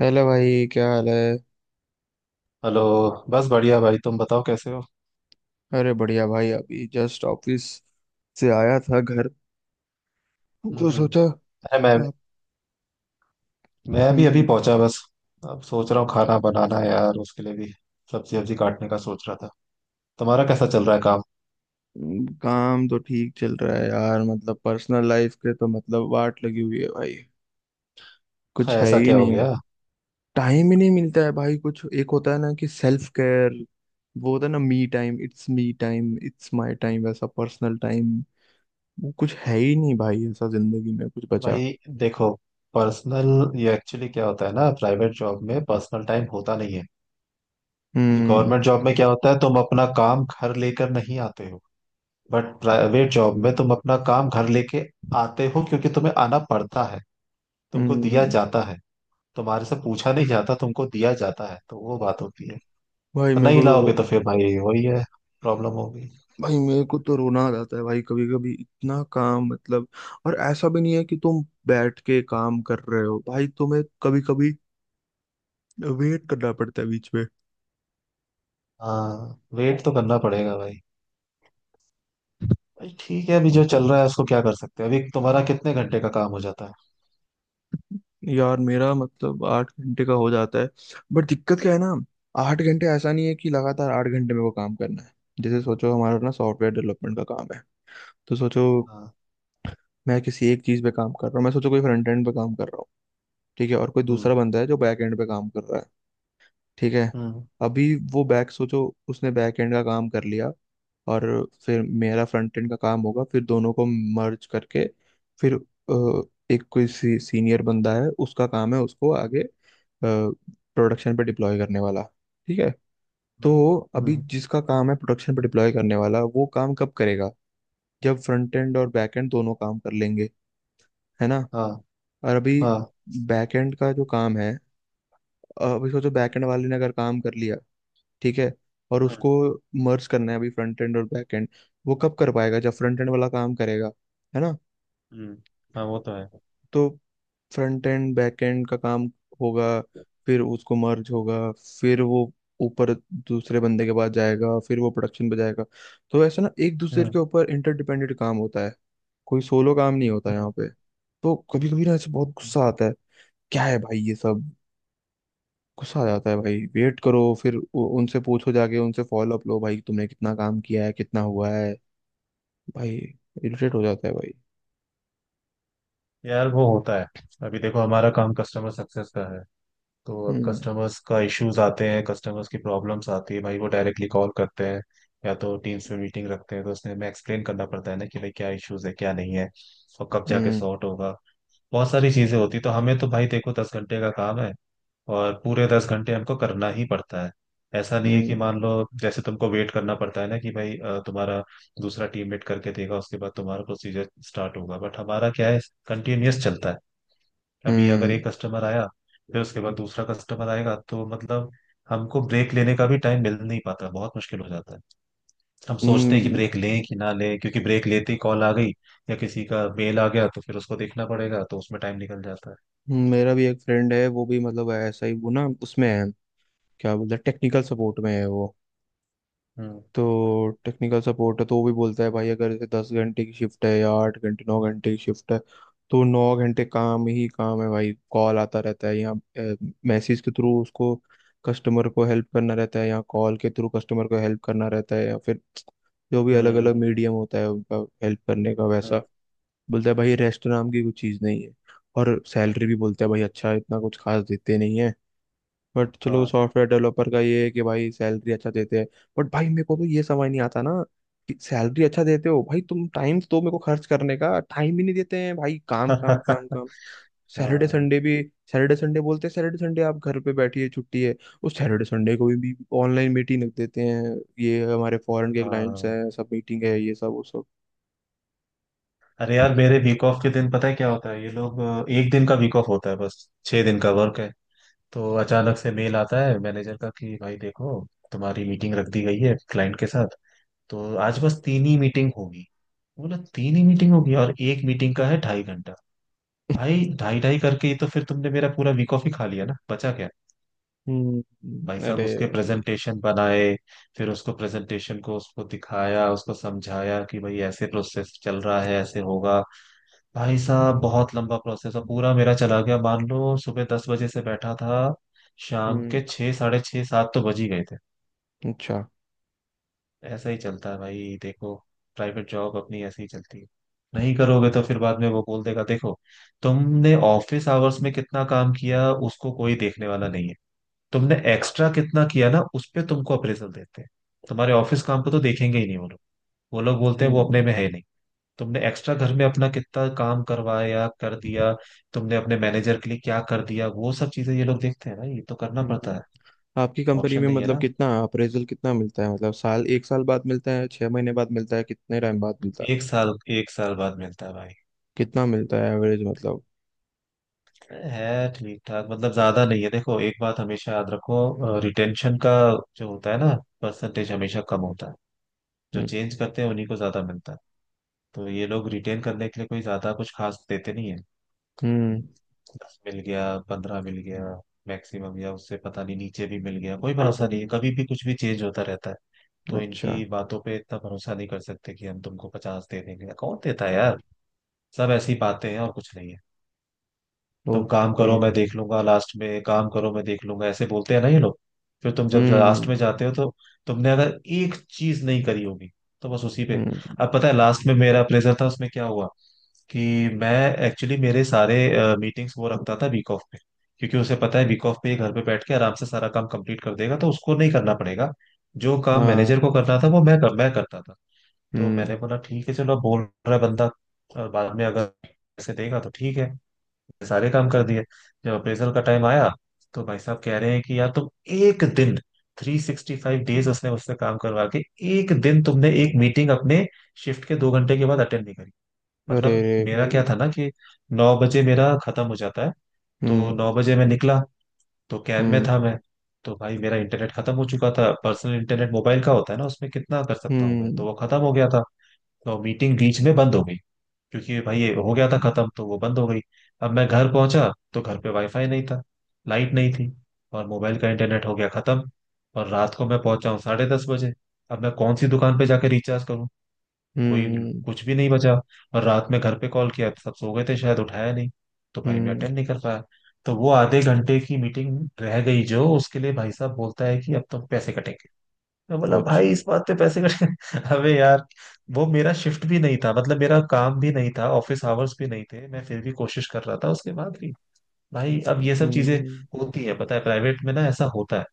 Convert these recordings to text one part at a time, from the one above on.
Hello भाई, क्या हाल है? हेलो। बस बढ़िया भाई, तुम बताओ कैसे हो? अरे बढ़िया भाई, अभी जस्ट ऑफिस से आया था घर, हम्म तो हम्म। सोचा। अरे मैं आप? मैं भी अभी हम्म। पहुंचा बस। अब सोच रहा हूँ खाना बनाना है यार, उसके लिए भी सब्जी वब्जी काटने का सोच रहा था। तुम्हारा कैसा चल रहा है काम? काम तो ठीक चल रहा है यार, मतलब पर्सनल लाइफ के तो मतलब वाट लगी हुई है भाई। कुछ है ऐसा ही क्या हो नहीं, गया? मतलब टाइम ही नहीं मिलता है भाई। कुछ एक होता है ना, कि सेल्फ केयर, वो होता है ना, me time, it's me time, it's my time, वैसा पर्सनल टाइम, वो कुछ है ही नहीं भाई, ऐसा जिंदगी में कुछ बचा। भाई देखो, पर्सनल ये एक्चुअली क्या होता है ना, प्राइवेट जॉब में पर्सनल टाइम होता नहीं है। हम्म। गवर्नमेंट जॉब में क्या होता है, तुम अपना काम घर लेकर नहीं आते हो। बट प्राइवेट जॉब में तुम अपना काम घर लेके आते हो क्योंकि तुम्हें आना पड़ता है, तुमको दिया हम्म। जाता है। तुम्हारे से पूछा नहीं जाता, तुमको दिया जाता है, तो वो बात होती है। भाई तो मेरे नहीं को लाओगे तो तो फिर भाई वही है, प्रॉब्लम होगी। भाई मेरे को तो रोना आ जाता है भाई, कभी कभी इतना काम, मतलब। और ऐसा भी नहीं है कि तुम बैठ के काम कर रहे हो भाई, तुम्हें कभी कभी वेट करना पड़ता है बीच में। हाँ, वेट तो करना पड़ेगा भाई। भाई ठीक है, अभी जो चल रहा है उसको क्या कर सकते हैं? अभी तुम्हारा कितने घंटे का काम हो जाता है? यार मेरा मतलब 8 घंटे का हो जाता है, बट दिक्कत क्या है ना, आठ घंटे ऐसा नहीं है कि लगातार 8 घंटे में वो काम करना है। जैसे सोचो, हमारा ना सॉफ्टवेयर डेवलपमेंट का काम है। तो सोचो हाँ। मैं किसी एक चीज पे काम कर रहा हूँ, मैं सोचो कोई फ्रंट एंड पे काम कर रहा हूँ। ठीक है, और कोई दूसरा हम्म बंदा है जो बैक एंड पे काम कर रहा है। ठीक है, हम्म अभी वो बैक सोचो उसने बैक एंड का काम कर लिया, और फिर मेरा फ्रंट एंड का काम होगा, फिर दोनों को मर्ज करके, फिर एक कोई सीनियर बंदा है, उसका काम है उसको आगे प्रोडक्शन पे डिप्लॉय करने वाला। ठीक है। तो हम्म अभी हम्म, जिसका काम है प्रोडक्शन पे डिप्लॉय करने वाला, वो काम कब करेगा? जब फ्रंट एंड और बैक एंड दोनों काम कर लेंगे, है ना। हाँ और अभी हाँ। बैक एंड का जो काम है, अभी सोचो बैक एंड वाले ने अगर काम कर लिया, ठीक है, और हम्म उसको मर्ज करना है अभी फ्रंट एंड और बैक एंड। वो कब कर पाएगा? जब फ्रंट एंड वाला काम करेगा, है ना। हम्म, हाँ वो तो है। तो फ्रंट एंड बैक एंड का काम होगा, फिर उसको मर्ज होगा, फिर वो ऊपर दूसरे बंदे के पास जाएगा, फिर वो प्रोडक्शन पे जाएगा। तो ऐसा ना एक दूसरे हम्म के ऊपर इंटरडिपेंडेंट काम होता है, कोई सोलो काम नहीं होता हम्म। यहाँ पे। तो कभी कभी ना ऐसे बहुत गुस्सा आता है, क्या है भाई ये सब। गुस्सा आ जाता है भाई, वेट करो, फिर उनसे पूछो, जाके उनसे फॉलो अप लो भाई, तुमने कितना काम किया है कितना हुआ है। भाई इरिटेट हो जाता है भाई। यार वो होता है। अभी देखो, हमारा काम कस्टमर सक्सेस का है। तो अब हम्म। कस्टमर्स का इश्यूज आते हैं, कस्टमर्स की प्रॉब्लम्स आती है भाई, वो डायरेक्टली कॉल करते हैं या तो टीम्स में मीटिंग रखते हैं। तो उसमें हमें एक्सप्लेन करना पड़ता है ना कि भाई क्या इश्यूज है क्या नहीं है और कब जाके हम्म। सॉर्ट होगा। बहुत सारी चीजें होती हैं। तो हमें तो भाई देखो 10 घंटे का काम है, और पूरे 10 घंटे हमको करना ही पड़ता है। ऐसा नहीं है कि हम्म। मान लो, जैसे तुमको वेट करना पड़ता है ना कि भाई तुम्हारा दूसरा टीममेट करके देगा, उसके बाद तुम्हारा प्रोसीजर स्टार्ट होगा। बट हमारा क्या है, कंटिन्यूअस चलता है। अभी अगर हम्म। एक कस्टमर आया, फिर उसके बाद दूसरा कस्टमर आएगा, तो मतलब हमको ब्रेक लेने का भी टाइम मिल नहीं पाता, बहुत मुश्किल हो जाता है। हम सोचते हैं कि हम्म, ब्रेक लें कि ना लें, क्योंकि ब्रेक लेते ही कॉल आ गई या किसी का मेल आ गया, तो फिर उसको देखना पड़ेगा, तो उसमें टाइम निकल जाता है। मेरा भी एक फ्रेंड है, वो भी मतलब ऐसा ही, वो ना उसमें है, क्या बोलते हैं, टेक्निकल सपोर्ट में है वो। हम्म तो टेक्निकल सपोर्ट है, तो वो भी बोलता है भाई, अगर जैसे 10 घंटे की शिफ्ट है, या 8 घंटे 9 घंटे की शिफ्ट है, तो 9 घंटे काम ही काम है भाई। कॉल आता रहता है, या मैसेज के थ्रू उसको कस्टमर को हेल्प करना रहता है, या कॉल के थ्रू कस्टमर को हेल्प करना रहता है, या फिर जो भी अलग अलग हम्म मीडियम होता है उनका हेल्प करने का, वैसा हम्म, बोलता है भाई, रेस्ट नाम की कुछ चीज़ नहीं है। और सैलरी भी बोलता है भाई, अच्छा इतना कुछ खास देते नहीं है, बट चलो हाँ। सॉफ्टवेयर डेवलपर का ये है कि भाई सैलरी अच्छा देते हैं। बट भाई मेरे को तो ये समझ नहीं आता ना, कि सैलरी अच्छा देते हो भाई, तुम टाइम तो मेरे को खर्च करने का टाइम ही नहीं देते हैं भाई, काम काम काम काम। सैटरडे हाँ संडे भी, सैटरडे संडे बोलते हैं सैटरडे संडे आप घर पे बैठिए छुट्टी है, उस सैटरडे संडे को भी ऑनलाइन मीटिंग रख देते हैं, ये हमारे फॉरेन के क्लाइंट्स हाँ। हैं सब, मीटिंग है ये सब वो सब। अरे यार, मेरे वीक ऑफ के दिन पता है क्या होता है? ये लोग एक दिन का वीक ऑफ होता है, बस 6 दिन का वर्क है। तो अचानक से मेल आता है मैनेजर का कि भाई देखो, तुम्हारी मीटिंग रख दी गई है क्लाइंट के साथ। तो आज बस तीन ही मीटिंग होगी। बोला तीन ही मीटिंग होगी, और एक मीटिंग का है 2.5 घंटा। भाई ढाई ढाई करके ही तो फिर तुमने मेरा पूरा वीक ऑफ ही खा लिया ना, बचा क्या। भाई हम्म। साहब अरे उसके भाई। प्रेजेंटेशन बनाए, फिर उसको प्रेजेंटेशन को उसको दिखाया, उसको समझाया कि भाई ऐसे प्रोसेस चल रहा है ऐसे होगा। भाई साहब बहुत लंबा प्रोसेस है, पूरा मेरा चला गया। मान लो सुबह 10 बजे से बैठा था, शाम हम्म। के छः साढ़े छः सात तो बज ही गए थे। अच्छा। ऐसा ही चलता है भाई देखो, प्राइवेट जॉब अपनी ऐसे ही चलती है। नहीं करोगे तो फिर बाद में वो बोल देगा, देखो तुमने ऑफिस आवर्स में कितना काम किया उसको कोई देखने वाला नहीं है। तुमने एक्स्ट्रा कितना किया ना, उस पे तुमको अप्रेजल देते हैं। तुम्हारे ऑफिस काम को तो देखेंगे ही नहीं वो लोग, वो लोग बोलते हैं वो हम्म। अपने में है नहीं। तुमने एक्स्ट्रा घर में अपना कितना काम करवाया कर दिया, तुमने अपने मैनेजर के लिए क्या कर दिया, वो सब चीजें ये लोग देखते हैं ना, ये तो करना हम्म। पड़ता है। आपकी कंपनी ऑप्शन में नहीं है मतलब ना। कितना अप्रेजल कितना मिलता है, मतलब साल, एक साल बाद मिलता है, 6 महीने बाद मिलता है, कितने टाइम बाद मिलता है? एक साल, एक साल बाद मिलता है भाई। कितना मिलता है एवरेज, मतलब? है ठीक ठाक, मतलब ज्यादा नहीं है। देखो एक बात हमेशा याद रखो, रिटेंशन का जो होता है ना, परसेंटेज हमेशा कम होता है। जो हम्म। चेंज करते हैं उन्हीं को ज्यादा मिलता है। तो ये लोग रिटेन करने के लिए कोई ज्यादा कुछ खास देते नहीं है। हम्म, 10 मिल गया, 15 मिल गया मैक्सिमम, या उससे पता नहीं नीचे भी मिल गया। कोई भरोसा नहीं है, कभी भी कुछ भी चेंज होता रहता है। तो अच्छा। इनकी बातों पे इतना भरोसा नहीं कर सकते कि हम तुमको 50 दे देंगे, कौन देता है यार। सब ऐसी बातें हैं और कुछ नहीं है। तुम काम ओके। करो मैं देख लूंगा, लास्ट में काम करो मैं देख लूंगा, ऐसे बोलते हैं ना ये लोग। फिर तुम जब लास्ट हम्म। में जाते हो तो तुमने अगर एक चीज नहीं करी होगी तो बस उसी पे। हम्म। अब पता है लास्ट में मेरा अप्रेजल था, उसमें क्या हुआ कि मैं एक्चुअली मेरे सारे मीटिंग्स वो रखता था वीक ऑफ पे। क्योंकि उसे पता है वीक ऑफ पे ये घर पे बैठ के आराम से सारा काम कंप्लीट कर देगा तो उसको नहीं करना पड़ेगा। जो काम हाँ। मैनेजर को करना था वो मैं करता था। तो हम्म। मैंने बोला ठीक है, चलो अब बोल रहा है बंदा, और बाद में अगर ऐसे देगा तो ठीक है। सारे काम कर दिए। जब अप्रेजल का टाइम आया तो भाई साहब कह रहे हैं कि यार तुम एक दिन, 365 डेज उसने मुझसे काम करवा के एक दिन तुमने एक मीटिंग अपने शिफ्ट के 2 घंटे के बाद अटेंड नहीं करी। अरे मतलब रे मेरा भाई। क्या था ना कि 9 बजे मेरा खत्म हो जाता है, तो हम्म। 9 बजे मैं निकला, तो कैब में हम्म। था मैं। तो भाई मेरा इंटरनेट खत्म हो चुका था, पर्सनल इंटरनेट मोबाइल का होता है ना, उसमें कितना कर सकता हूँ मैं, तो हम्म। वो खत्म हो गया था। तो मीटिंग बीच में बंद हो गई, क्योंकि भाई ये हो गया था खत्म तो वो बंद हो गई। अब मैं घर पहुंचा तो घर पे वाईफाई नहीं था, लाइट नहीं थी, और मोबाइल का इंटरनेट हो गया खत्म। और रात को मैं पहुंचा हूँ 10:30 बजे। अब मैं कौन सी दुकान पे जाके रिचार्ज करूँ? कोई हम्म। कुछ भी नहीं बचा। और रात में घर पे कॉल किया तो सब सो गए थे शायद, उठाया नहीं। तो भाई मैं हम्म। अटेंड नहीं कर पाया। तो वो आधे घंटे की मीटिंग रह गई जो, उसके लिए भाई साहब बोलता है कि अब तो पैसे कटेंगे। मैं बोला भाई, अच्छा। इस बात पे पैसे कट अबे यार। वो मेरा शिफ्ट भी नहीं था, मतलब मेरा काम भी नहीं था, ऑफिस आवर्स भी नहीं थे, मैं फिर भी कोशिश कर रहा था उसके बाद भी। भाई अब ये सब चीजें हम्म। होती है, पता है प्राइवेट में ना ऐसा होता है।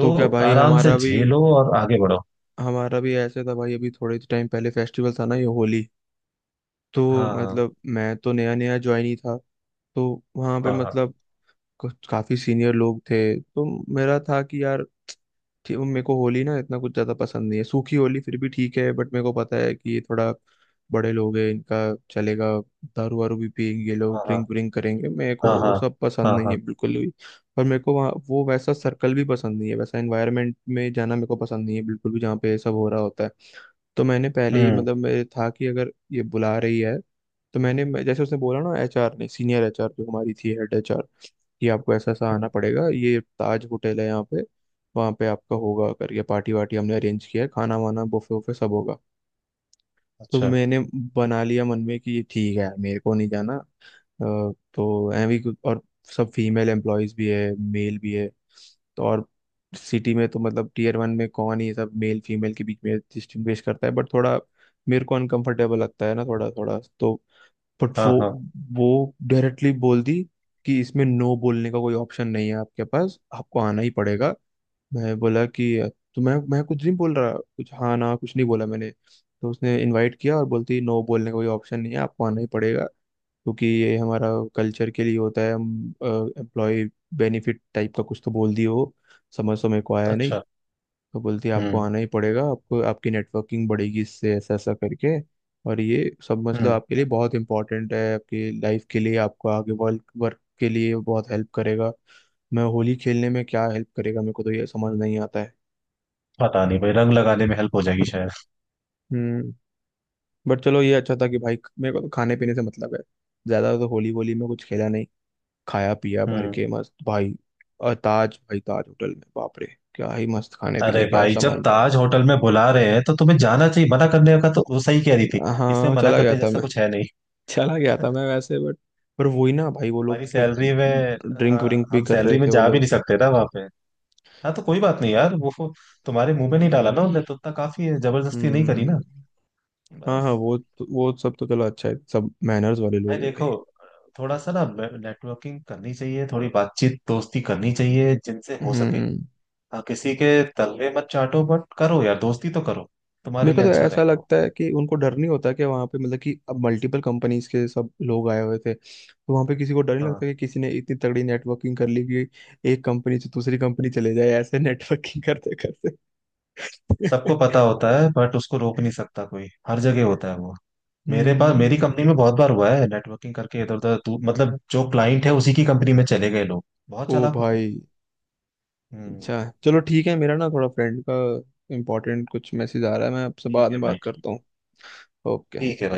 तो क्या भाई आराम से झेलो और आगे बढ़ो। हमारा भी ऐसे था भाई। अभी थोड़े टाइम पहले फेस्टिवल था ना, ये होली। तो हाँ मतलब मैं तो नया नया ज्वाइन ही था, तो वहां पे हाँ हाँ मतलब कुछ काफी सीनियर लोग थे, तो मेरा था कि यार मेरे को होली ना इतना कुछ ज्यादा पसंद नहीं है, सूखी होली फिर भी ठीक है, बट मेरे को पता है कि ये थोड़ा बड़े लोग हैं, इनका चलेगा, दारू वारू भी पियेंगे ये लोग, हाँ, ड्रिंक व्रिंक करेंगे, मेरे हाँ हाँ को हाँ, सब हाँ हाँ पसंद नहीं है हाँ, बिल्कुल भी। और मेरे को वहाँ वो वैसा सर्कल भी पसंद नहीं है, वैसा एनवायरनमेंट में जाना मेरे को पसंद नहीं है बिल्कुल भी, जहाँ पे ये सब हो रहा होता है। तो मैंने पहले ही हम्म मतलब मेरे था कि अगर ये बुला रही है, तो मैंने जैसे उसने बोला ना, एचआर ने, सीनियर एचआर जो हमारी थी, हेड एचआर, कि आपको ऐसा ऐसा आना हम्म, पड़ेगा, ये ताज होटल है यहाँ पे, वहाँ पे आपका होगा करके पार्टी वार्टी हमने अरेंज किया है, खाना वाना बुफे वुफे सब होगा। तो अच्छा। मैंने बना लिया मन में कि ये ठीक है, मेरे को नहीं जाना। अ, तो एवी और सब फीमेल एम्प्लॉयज भी है मेल भी है, तो और सिटी में तो मतलब टीयर वन में कौन ही सब मेल फीमेल के बीच में डिस्टिंग्विश करता है, बट थोड़ा मेरे को अनकंफर्टेबल लगता है ना थोड़ा थोड़ा, तो बट हाँ हाँ। वो डायरेक्टली बोल दी, कि इसमें नो बोलने का कोई ऑप्शन नहीं है आपके पास, आपको आना ही पड़ेगा। मैं बोला कि तो मैं कुछ नहीं बोल रहा, कुछ हाँ ना कुछ नहीं बोला मैंने, तो उसने इनवाइट किया और बोलती नो बोलने का कोई ऑप्शन नहीं है आपको आना ही पड़ेगा, क्योंकि ये हमारा कल्चर के लिए होता है, हम एम्प्लॉय बेनिफिट टाइप का कुछ तो बोल दिए हो। समझ तो मेरे को आया नहीं। अच्छा। तो बोलती है आपको हम्म आना ही पड़ेगा, आपको आपकी नेटवर्किंग बढ़ेगी इससे, ऐसा ऐसा करके और ये सब मतलब हम्म। आपके लिए बहुत इंपॉर्टेंट है, आपकी लाइफ के लिए, आपको आगे वर्क वर्क के लिए बहुत हेल्प करेगा। मैं होली खेलने में क्या हेल्प करेगा, मेरे को तो ये समझ नहीं आता है। पता नहीं भाई, रंग लगाने में हेल्प हो जाएगी शायद। हम्म। बट चलो ये अच्छा था कि भाई मेरे को तो खाने पीने से मतलब है ज्यादा, तो होली वोली में कुछ खेला नहीं, खाया पिया भर हम्म। के मस्त भाई। और ताज, भाई ताज होटल में बाप रे, क्या ही मस्त खाने अरे पीने क्या भाई, जब सामान था। ताज होटल में बुला रहे हैं तो तुम्हें जाना चाहिए, मना करने का तो वो सही कह रही थी। इसमें हाँ, मना चला गया करने था जैसा मैं, कुछ है नहीं। चला गया था मैं वैसे, बट पर वही ना भाई, वो लोग हमारी तो फिर सैलरी में, ड्रिंक हाँ, व्रिंक भी हम कर रहे सैलरी में थे वो जा भी लोग। नहीं सकते ना वहां पे। हाँ तो कोई बात नहीं यार, वो तुम्हारे मुंह में नहीं डाला ना उनने तो, उतना काफी है, जबरदस्ती नहीं करी हम्म। ना, हाँ हाँ, बस। वो सब तो चलो अच्छा है, सब मैनर्स वाले भाई लोग हैं देखो, भाई। थोड़ा सा ना नेटवर्किंग करनी चाहिए, थोड़ी बातचीत दोस्ती करनी चाहिए जिनसे हो सके। हम्म। हाँ किसी के तलवे मत चाटो बट करो यार दोस्ती तो करो, मेरे तुम्हारे को लिए तो अच्छा ऐसा रहेगा वो। लगता है कि उनको डर नहीं होता, कि वहाँ पे मतलब कि अब मल्टीपल कंपनीज के सब लोग आए हुए थे, तो वहाँ पे किसी को डर नहीं लगता हाँ। कि किसी ने इतनी तगड़ी नेटवर्किंग कर ली कि एक कंपनी से दूसरी कंपनी चले जाए ऐसे नेटवर्किंग करते करते। सबको पता होता है बट उसको रोक नहीं सकता कोई, हर जगह होता है वो। मेरे पास मेरी हम्म। कंपनी में बहुत बार हुआ है नेटवर्किंग करके इधर उधर मतलब जो क्लाइंट है उसी की कंपनी में चले गए लोग, बहुत ओ चालाक होते हैं। भाई। हम्म। अच्छा चलो ठीक है, मेरा ना थोड़ा फ्रेंड का इम्पोर्टेंट कुछ मैसेज आ रहा है, मैं आपसे ठीक बाद है में भाई, बात ठीक। करता हूँ। ओके। ठीक है।